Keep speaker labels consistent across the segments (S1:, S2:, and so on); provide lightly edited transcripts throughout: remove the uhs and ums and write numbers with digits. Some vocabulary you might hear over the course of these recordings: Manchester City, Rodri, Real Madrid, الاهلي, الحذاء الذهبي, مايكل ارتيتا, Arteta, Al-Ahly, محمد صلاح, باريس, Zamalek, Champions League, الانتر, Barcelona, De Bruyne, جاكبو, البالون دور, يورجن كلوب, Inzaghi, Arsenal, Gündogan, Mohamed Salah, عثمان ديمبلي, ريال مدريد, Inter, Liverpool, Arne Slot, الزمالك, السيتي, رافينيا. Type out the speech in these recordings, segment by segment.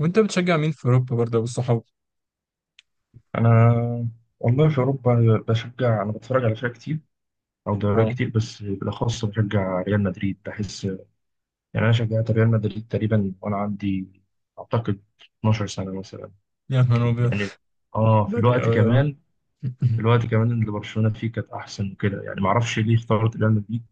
S1: وانت بتشجع مين في اوروبا برضه والصحاب؟
S2: انا والله في اوروبا بشجع، انا بتفرج على فرق كتير او دوريات
S1: اه.
S2: كتير، بس بالاخص بشجع ريال مدريد. بحس يعني انا شجعت ريال مدريد تقريبا وانا عندي اعتقد 12 سنه مثلا
S1: يا نهار ابيض.
S2: يعني. اه في
S1: بلادي
S2: الوقت
S1: قوي اه.
S2: كمان اللي برشلونه فيه كانت احسن وكده، يعني ما اعرفش ليه اخترت ريال مدريد.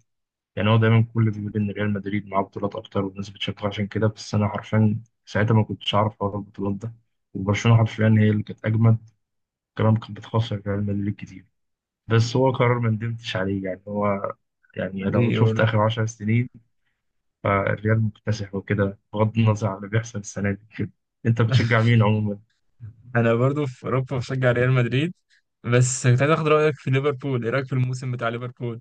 S2: يعني هو دايما كل بيقول ان ريال مدريد معاه بطولات اكتر والناس بتشجعه عشان كده، بس انا حرفيا ساعتها ما كنتش اعرف حوار البطولات ده، وبرشلونه حرفيا هي اللي كانت اجمد، كمان كانت بتخسر ريال مدريد كتير. بس هو قرار ما ندمتش عليه يعني، هو يعني لو
S1: ايه
S2: شفت
S1: برضه.
S2: آخر 10 سنين، فالريال مكتسح وكده بغض النظر عن اللي بيحصل السنة دي كده. أنت بتشجع مين عموما؟
S1: انا برضه في اوروبا بشجع ريال مدريد، بس كنت عايز اخد رايك في ليفربول. ايه رايك في الموسم بتاع ليفربول؟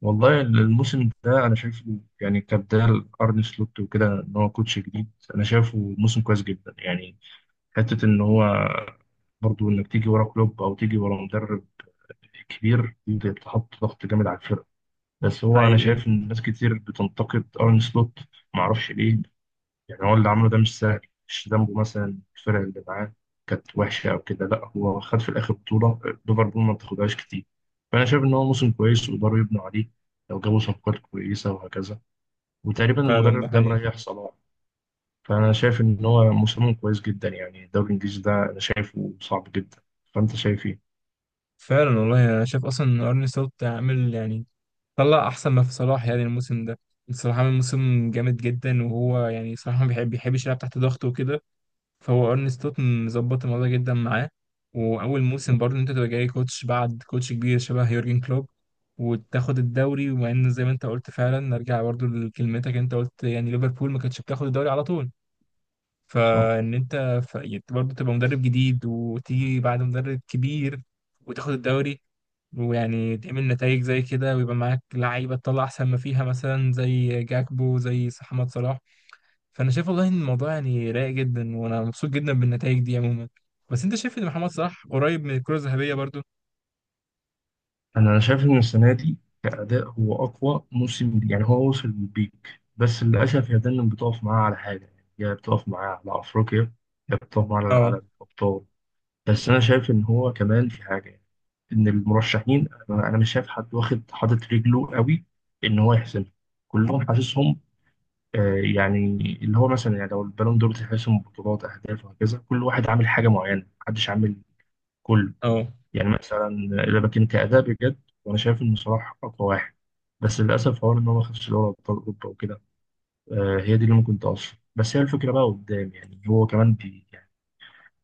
S2: والله الموسم ده أنا شايفه يعني كبداية لأرن سلوت، وكده إن هو كوتش جديد، أنا شايفه موسم كويس جدا يعني. حتة إن هو برضو إنك تيجي ورا كلوب أو تيجي ورا مدرب كبير دي بتحط ضغط جامد على الفرقة. بس هو أنا
S1: حقيقي.
S2: شايف إن ناس كتير بتنتقد أرن سلوت، معرفش ليه. يعني هو اللي عمله ده مش سهل، مش ذنبه مثلا الفرق اللي معاه كانت وحشة أو كده، لا هو خد في الآخر بطولة، ليفربول ما بتاخدهاش كتير. فأنا شايف إن هو موسم كويس ويقدروا يبنوا عليه لو جابوا صفقات كويسة وهكذا. وتقريبا
S1: فعلا ده
S2: المدرب ده
S1: حقيقي.
S2: مريح صلاح. فأنا شايف إن هو موسمهم كويس جدا. يعني الدوري الإنجليزي ده أنا شايفه صعب جدا، فأنت شايف إيه؟
S1: فعلا والله انا شايف اصلا ان ارني سلوت عامل، يعني طلع احسن ما في صلاح يعني الموسم ده. صلاح عامل موسم جامد جدا، وهو يعني صلاح ما بيحبش يلعب تحت ضغط وكده، فهو ارني ستوتن ظبط الموضوع ده جدا معاه. واول موسم برضه إن انت تبقى جاي كوتش بعد كوتش كبير شبه يورجن كلوب وتاخد الدوري، ومع ان زي ما انت قلت فعلا، نرجع برضه لكلمتك، انت قلت يعني ليفربول ما كانتش بتاخد الدوري على طول،
S2: صح؟
S1: فان انت يعني برضه تبقى مدرب جديد وتيجي بعد مدرب كبير وتاخد الدوري، ويعني تعمل نتائج زي كده، ويبقى معاك لعيبه تطلع احسن ما فيها، مثلا زي جاكبو، زي محمد صلاح. فانا شايف والله ان الموضوع يعني رايق جدا، وانا مبسوط جدا بالنتائج دي عموما. بس انت شايف ان محمد صلاح قريب من الكره الذهبيه برضو؟
S2: انا شايف ان السنه دي كاداء هو اقوى موسم ليه. يعني هو وصل للبيك، بس للاسف هي دايما بتقف معاه على حاجه، يا بتقف معاه على افريقيا يا بتقف معاه على
S1: اه.
S2: على الابطال. بس انا شايف ان هو كمان في حاجه، يعني ان المرشحين انا مش شايف حد واخد حاطط رجله قوي ان هو يحسمها، كلهم حاسسهم يعني، اللي هو مثلا يعني لو البالون دور تحسم بطولات اهداف وهكذا، كل واحد عامل حاجه معينه، محدش عامل كله.
S1: اه،
S2: يعني مثلا إذا بكين كأداء بجد، وأنا شايف إن صلاح أقوى واحد، بس للأسف حوار إن هو ما خدش دوري أبطال أوروبا وكده. هي دي اللي ممكن تأثر، بس هي الفكرة بقى قدام. يعني هو كمان يعني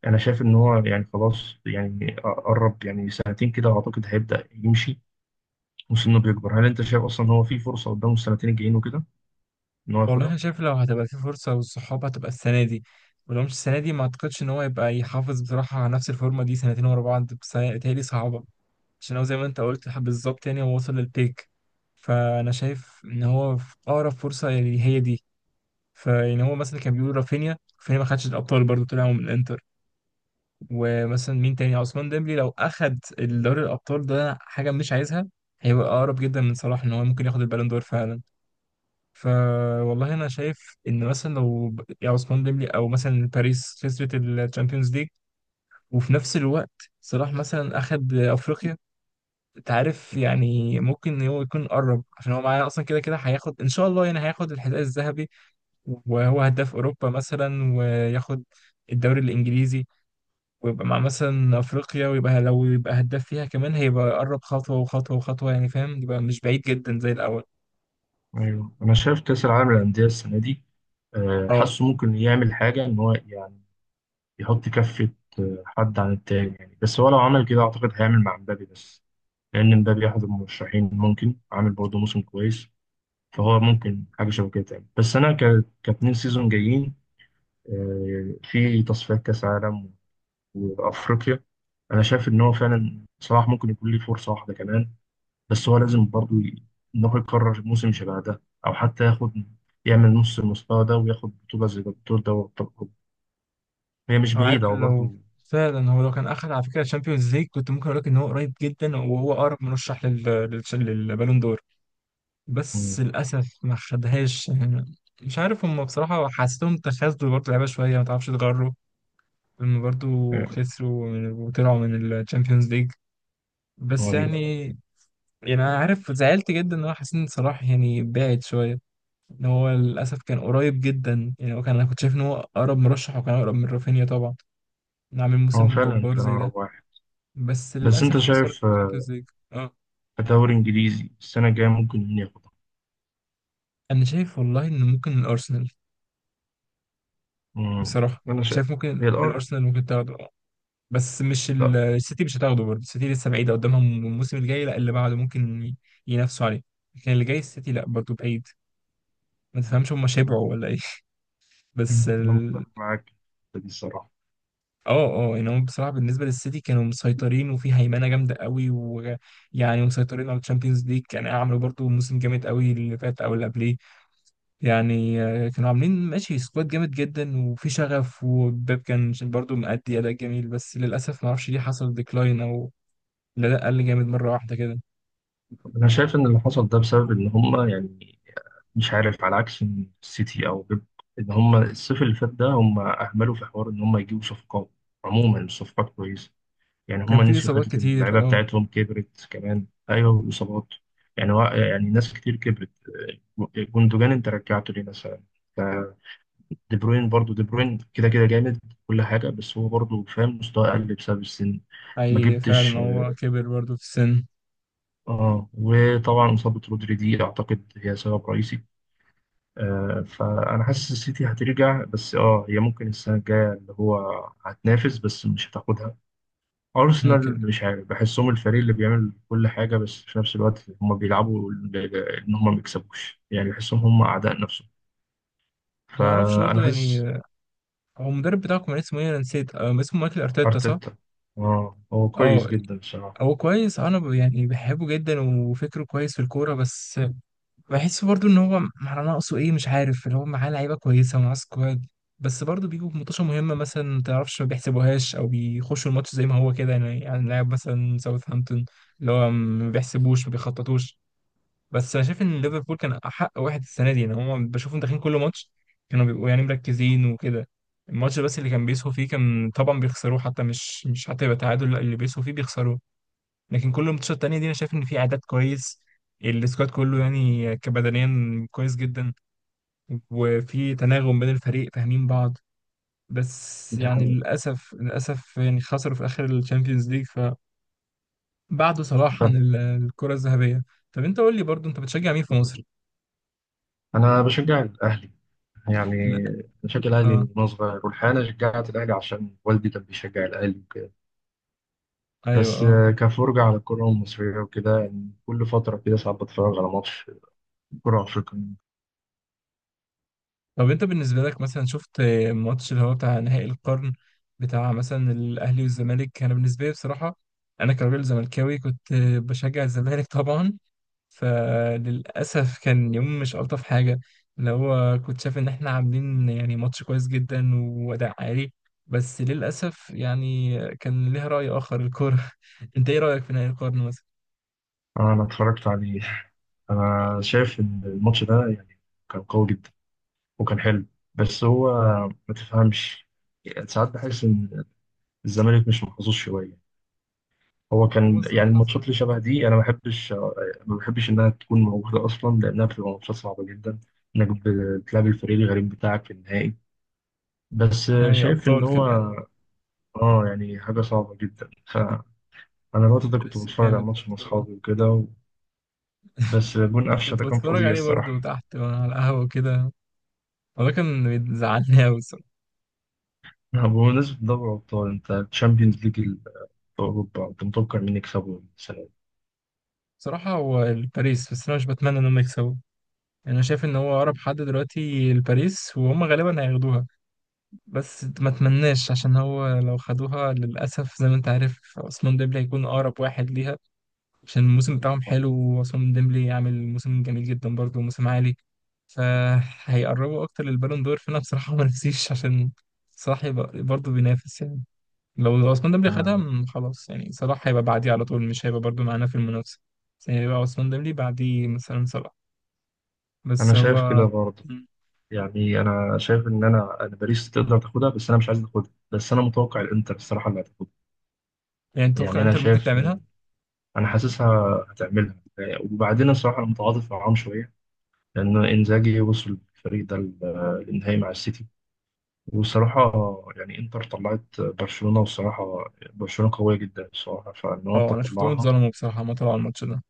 S2: أنا شايف إن هو يعني خلاص، يعني قرب يعني سنتين كده أعتقد هيبدأ يمشي، وسنه بيكبر. هل أنت شايف أصلا هو في فرصة قدامه السنتين الجايين وكده إن هو
S1: والله
S2: ياخدها؟
S1: انا شايف لو هتبقى في فرصه والصحاب هتبقى السنه دي، ولو مش السنه دي ما اعتقدش ان هو يبقى يحافظ بصراحه على نفس الفورمه دي سنتين ورا بعض، بس بتهيألي صعبه، عشان هو زي ما انت قلت بالظبط يعني هو وصل للبيك. فانا شايف ان هو في اقرب فرصه يعني هي دي. فيعني هو مثلا كان بيقول رافينيا ما خدش الابطال برضو، طلع من الانتر. ومثلا مين تاني، عثمان ديمبلي، لو اخد دوري الابطال ده حاجه مش عايزها، هيبقى اقرب جدا من صلاح ان هو ممكن ياخد البالون دور فعلا. فوالله انا شايف ان مثلا لو يا عثمان ديمبلي او مثلا باريس خسرت الشامبيونز ليج، وفي نفس الوقت صلاح مثلا اخد افريقيا، انت عارف يعني ممكن هو يكون قرب، عشان هو معاه اصلا كده كده هياخد ان شاء الله، يعني هياخد الحذاء الذهبي وهو هداف اوروبا مثلا، وياخد الدوري الانجليزي، ويبقى مع مثلا افريقيا، ويبقى لو يبقى هداف فيها كمان، هيبقى يقرب خطوه وخطوه وخطوه، يعني فاهم، يبقى مش بعيد جدا زي الاول.
S2: أيوه أنا شايف كأس العالم للأندية السنة دي،
S1: اه.
S2: حاسه ممكن يعمل حاجة إن هو يعني يحط كفة حد عن التاني. يعني بس هو لو عمل كده أعتقد هيعمل مع مبابي بس، لأن مبابي أحد المرشحين ممكن عامل برضه موسم كويس، فهو ممكن حاجة شبه كده تعمل. بس أنا كاتنين سيزون جايين، في تصفيات كأس عالم وأفريقيا، أنا شايف إن هو فعلا صلاح ممكن يكون ليه فرصة واحدة كمان. بس هو لازم برضه إن هو يكرر موسم شبه ده، أو حتى ياخد يعمل نص المستوى ده وياخد بطولة زي بطولة دوري أبطال أوروبا، هي مش
S1: هو
S2: بعيدة
S1: عارف
S2: هو
S1: لو
S2: برضه.
S1: فعلا هو لو كان اخد على فكره الشامبيونز ليج، كنت ممكن اقول لك ان هو قريب جدا، وهو اقرب مرشح للبالون دور، بس
S2: مم،
S1: للاسف ما خدهاش يعني. مش عارف، هم بصراحه حسيتهم تخاذلوا برضه لعيبه شويه، ما تعرفش تغروا هم برضه.
S2: آه،
S1: خسروا وطلعوا من الشامبيونز ليج. بس
S2: قريب.
S1: يعني انا عارف زعلت جدا ان هو حسين صلاح يعني بعد شويه، ان هو للاسف كان قريب جدا، يعني هو كان انا كنت شايف ان هو اقرب مرشح، وكان اقرب من رافينيا طبعا، انه عامل
S2: هو
S1: موسم
S2: فعلا
S1: جبار
S2: كان
S1: زي ده.
S2: أقرب واحد.
S1: بس
S2: بس أنت
S1: للاسف خسرت
S2: شايف آه،
S1: الشامبيونز ليج. اه.
S2: كدوري إنجليزي السنة الجاية ممكن مين ياخدها؟
S1: انا شايف والله ان ممكن الارسنال.
S2: مم.
S1: بصراحه
S2: أنا شايف
S1: شايف ممكن
S2: هي الأرض.
S1: الارسنال ممكن تاخده اه. بس مش
S2: لا.
S1: السيتي مش هتاخده برضه. السيتي لسه بعيده قدامهم الموسم الجاي، لا اللي بعده ممكن ينافسوا عليه، لكن اللي جاي السيتي لا برضه بعيد. ما تفهمش هم شبعوا ولا ايه؟
S2: مم.
S1: بس
S2: أنا متفق معاك في دي الصراحة.
S1: اه ان هم بصراحه بالنسبه للسيتي كانوا مسيطرين، وفي هيمنه جامده قوي، ويعني مسيطرين على الشامبيونز ليج، يعني عملوا برضو موسم جامد قوي اللي فات او اللي قبليه. يعني كانوا عاملين ماشي سكواد جامد جدا، وفي شغف، وباب كان برضو مأدي اداء جميل، بس للاسف ما اعرفش ليه حصل ديكلاين، او الاداء قل جامد مره واحده كده.
S2: أنا شايف إن اللي حصل ده بسبب إن هما يعني مش عارف، على عكس إن السيتي أو بيب، إن هما الصيف اللي فات ده هما أهملوا في حوار إن هما يجيبوا صفقات. عموما الصفقات كويسة، يعني
S1: كان
S2: هم
S1: في
S2: نسيوا
S1: اصابات
S2: حتة إن
S1: كتير
S2: اللعيبة
S1: اه.
S2: بتاعتهم كبرت كمان. أيوه، والإصابات. يعني هو يعني ناس كتير كبرت، جوندوجان أنت رجعته ليه مثلا، آه، دي بروين كده كده جامد كل حاجة، بس هو برضه فاهم مستواه قل بسبب السن. ما
S1: اي
S2: جبتش.
S1: فعلا هو كبر برضو في السن.
S2: اه، وطبعا إصابة رودري دي أعتقد هي سبب رئيسي. آه فأنا حاسس السيتي هترجع، بس اه هي ممكن السنة الجاية اللي هو هتنافس بس مش هتاخدها.
S1: هو كده.
S2: أرسنال مش عارف بحسهم الفريق اللي بيعمل كل حاجة، بس في نفس الوقت هم بيلعبوا إن هم ما بيكسبوش. يعني بحسهم هم أعداء نفسهم،
S1: ما اعرفش برضو
S2: فأنا
S1: يعني
S2: حاسس.
S1: هو المدرب بتاعكم كان اسمه ايه، انا نسيت، اسمه مايكل ارتيتا صح؟
S2: أرتيتا، آه هو كويس
S1: اه
S2: جدا بصراحة.
S1: هو كويس، انا يعني بحبه جدا وفكره كويس في الكوره، بس بحس برضو ان هو مع ناقصه ايه مش عارف، اللي هو معاه لعيبه كويسه ومعاه سكواد، بس برضو بيجوا في ماتشات مهمه مثلا ما تعرفش ما بيحسبوهاش، او بيخشوا الماتش زي ما هو كده يعني لاعب مثلا ساوثهامبتون اللي هو ما بيحسبوش ما بيخططوش. بس انا شايف ان ليفربول كان احق واحد السنه دي، يعني هم بشوفهم داخلين كل ماتش كانوا بيبقوا يعني مركزين وكده الماتش، بس اللي كان بيسهوا فيه كان طبعا بيخسروه، حتى مش مش حتى يبقى تعادل لا، اللي بيسهوا فيه بيخسروه. لكن كل الماتشات التانية دي انا شايف ان في اعداد كويس، السكواد كله يعني كبدنيا كويس جدا، وفي تناغم بين الفريق فاهمين بعض. بس
S2: دي
S1: يعني
S2: حقيقة.
S1: للاسف يعني خسروا في اخر الشامبيونز ليج، فبعدوا صلاح عن
S2: طب
S1: الكرة الذهبية. طب انت قول لي برضو، انت بتشجع مين في مصر؟
S2: أنا بشجع الأهلي،
S1: لا.
S2: يعني بشجع الأهلي من
S1: اه.
S2: وأنا صغير. والحقيقة أنا شجعت الأهلي عشان والدي كان بيشجع الأهلي وكده.
S1: ايوه
S2: بس
S1: اه.
S2: كفرجة على الكرة المصرية وكده، يعني كل فترة كده ساعات بتفرج على ماتش كرة أفريقية.
S1: طب انت بالنسبة لك مثلا شفت ماتش اللي هو بتاع نهائي القرن، بتاع مثلا الاهلي والزمالك. انا بالنسبة لي بصراحة، انا كراجل زملكاوي كنت بشجع الزمالك طبعا، فللأسف كان يوم مش ألطف حاجة، اللي هو كنت شايف إن إحنا عاملين يعني ماتش كويس جدا وأداء عالي، بس للأسف يعني كان ليها رأي آخر الكورة. أنت إيه رأيك في نهائي القرن مثلا؟
S2: انا اتفرجت عليه، انا شايف ان الماتش ده يعني كان قوي جدا وكان حلو. بس هو ما تفهمش، يعني ساعات بحس ان الزمالك مش محظوظ شويه. هو
S1: هو
S2: كان
S1: إزاي
S2: يعني
S1: حظ
S2: الماتشات اللي
S1: وحش؟
S2: شبه دي انا ما بحبش، انها تكون موجوده اصلا، لانها بتبقى ماتشات صعبه جدا انك بتلعب الفريق الغريب بتاعك في النهائي. بس
S1: نهائي
S2: شايف ان
S1: أبطال
S2: هو
S1: كمان.
S2: اه يعني حاجه صعبه جدا. فانا الوقت ده كنت
S1: لسه
S2: بتفرج على
S1: جامد
S2: الماتش مع
S1: برضه.
S2: اصحابي وكده، بس جون قفشه
S1: كنت
S2: ده كان
S1: بتفرج
S2: فظيع
S1: عليه برضه
S2: الصراحه.
S1: تحت وأنا على القهوة وكده، وده كان بيزعلني أوي الصراحة.
S2: آه، بمناسبة دوري الأبطال، أنت الشامبيونز ليج في أوروبا أنت متوقع مين يكسبه السنة دي؟
S1: بصراحة هو الباريس، بس أنا مش بتمنى إن هم يكسبوا. يعني أنا شايف إن هو أقرب حد دلوقتي الباريس، وهم غالبا هياخدوها، بس ما اتمناش عشان هو لو خدوها للأسف زي ما انت عارف عثمان ديمبلي هيكون أقرب واحد ليها، عشان الموسم بتاعهم
S2: صح؟
S1: حلو، وعثمان ديمبلي يعمل موسم جميل جدا برضه موسم عالي، فهيقربوا أكتر للبالون دور، فأنا بصراحة ما نفسيش عشان صلاح يبقى برضه بينافس يعني. لو عثمان ديمبلي خدها
S2: أنا
S1: خلاص يعني صلاح هيبقى بعديه على طول، مش هيبقى برضه معانا في المنافسة، بس هيبقى عثمان ديمبلي بعديه مثلا صلاح. بس
S2: أنا شايف
S1: هو.
S2: كده برضه.
S1: م.
S2: يعني أنا شايف إن أنا باريس تقدر تاخدها، بس أنا مش عايز تاخدها، بس أنا متوقع الإنتر الصراحة اللي هتاخدها.
S1: يعني توقع
S2: يعني أنا
S1: انتر ممكن
S2: شايف،
S1: تعملها؟
S2: أنا حاسسها هتعملها. وبعدين الصراحة أنا متعاطف معاهم شوية، لأن إنزاجي وصل الفريق ده للنهائي مع السيتي، والصراحة يعني إنتر طلعت برشلونة، والصراحة برشلونة قوية جدا الصراحة، فإن هو
S1: اه انا شفتهم
S2: تطلعها.
S1: اتظلموا بصراحة ما طلعوا الماتش ده.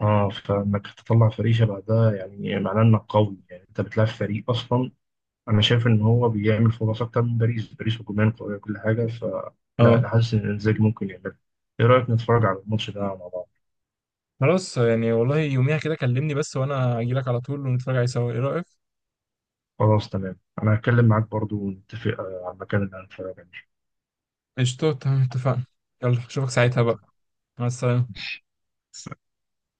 S2: اه، فانك تطلع فريق شبه ده يعني معناه انك قوي. يعني انت بتلعب فريق اصلا، انا شايف ان هو بيعمل فرص اكتر من باريس. باريس هجوميا قويه وكل حاجه، فلا انا
S1: اه،
S2: حاسس ان انزاجي ممكن يعملها. ايه رايك نتفرج على الماتش ده مع بعض؟
S1: خلاص يعني، والله يوميها كده كلمني بس وانا اجي لك على طول ونتفرج عليه سوا، ايه رأيك؟
S2: خلاص تمام، انا هتكلم معاك برضو ونتفق على المكان اللي هنتفرج عليه.
S1: قشطة تمام، اتفقنا. يلا اشوفك ساعتها بقى.
S2: تمام.
S1: مع السلامة.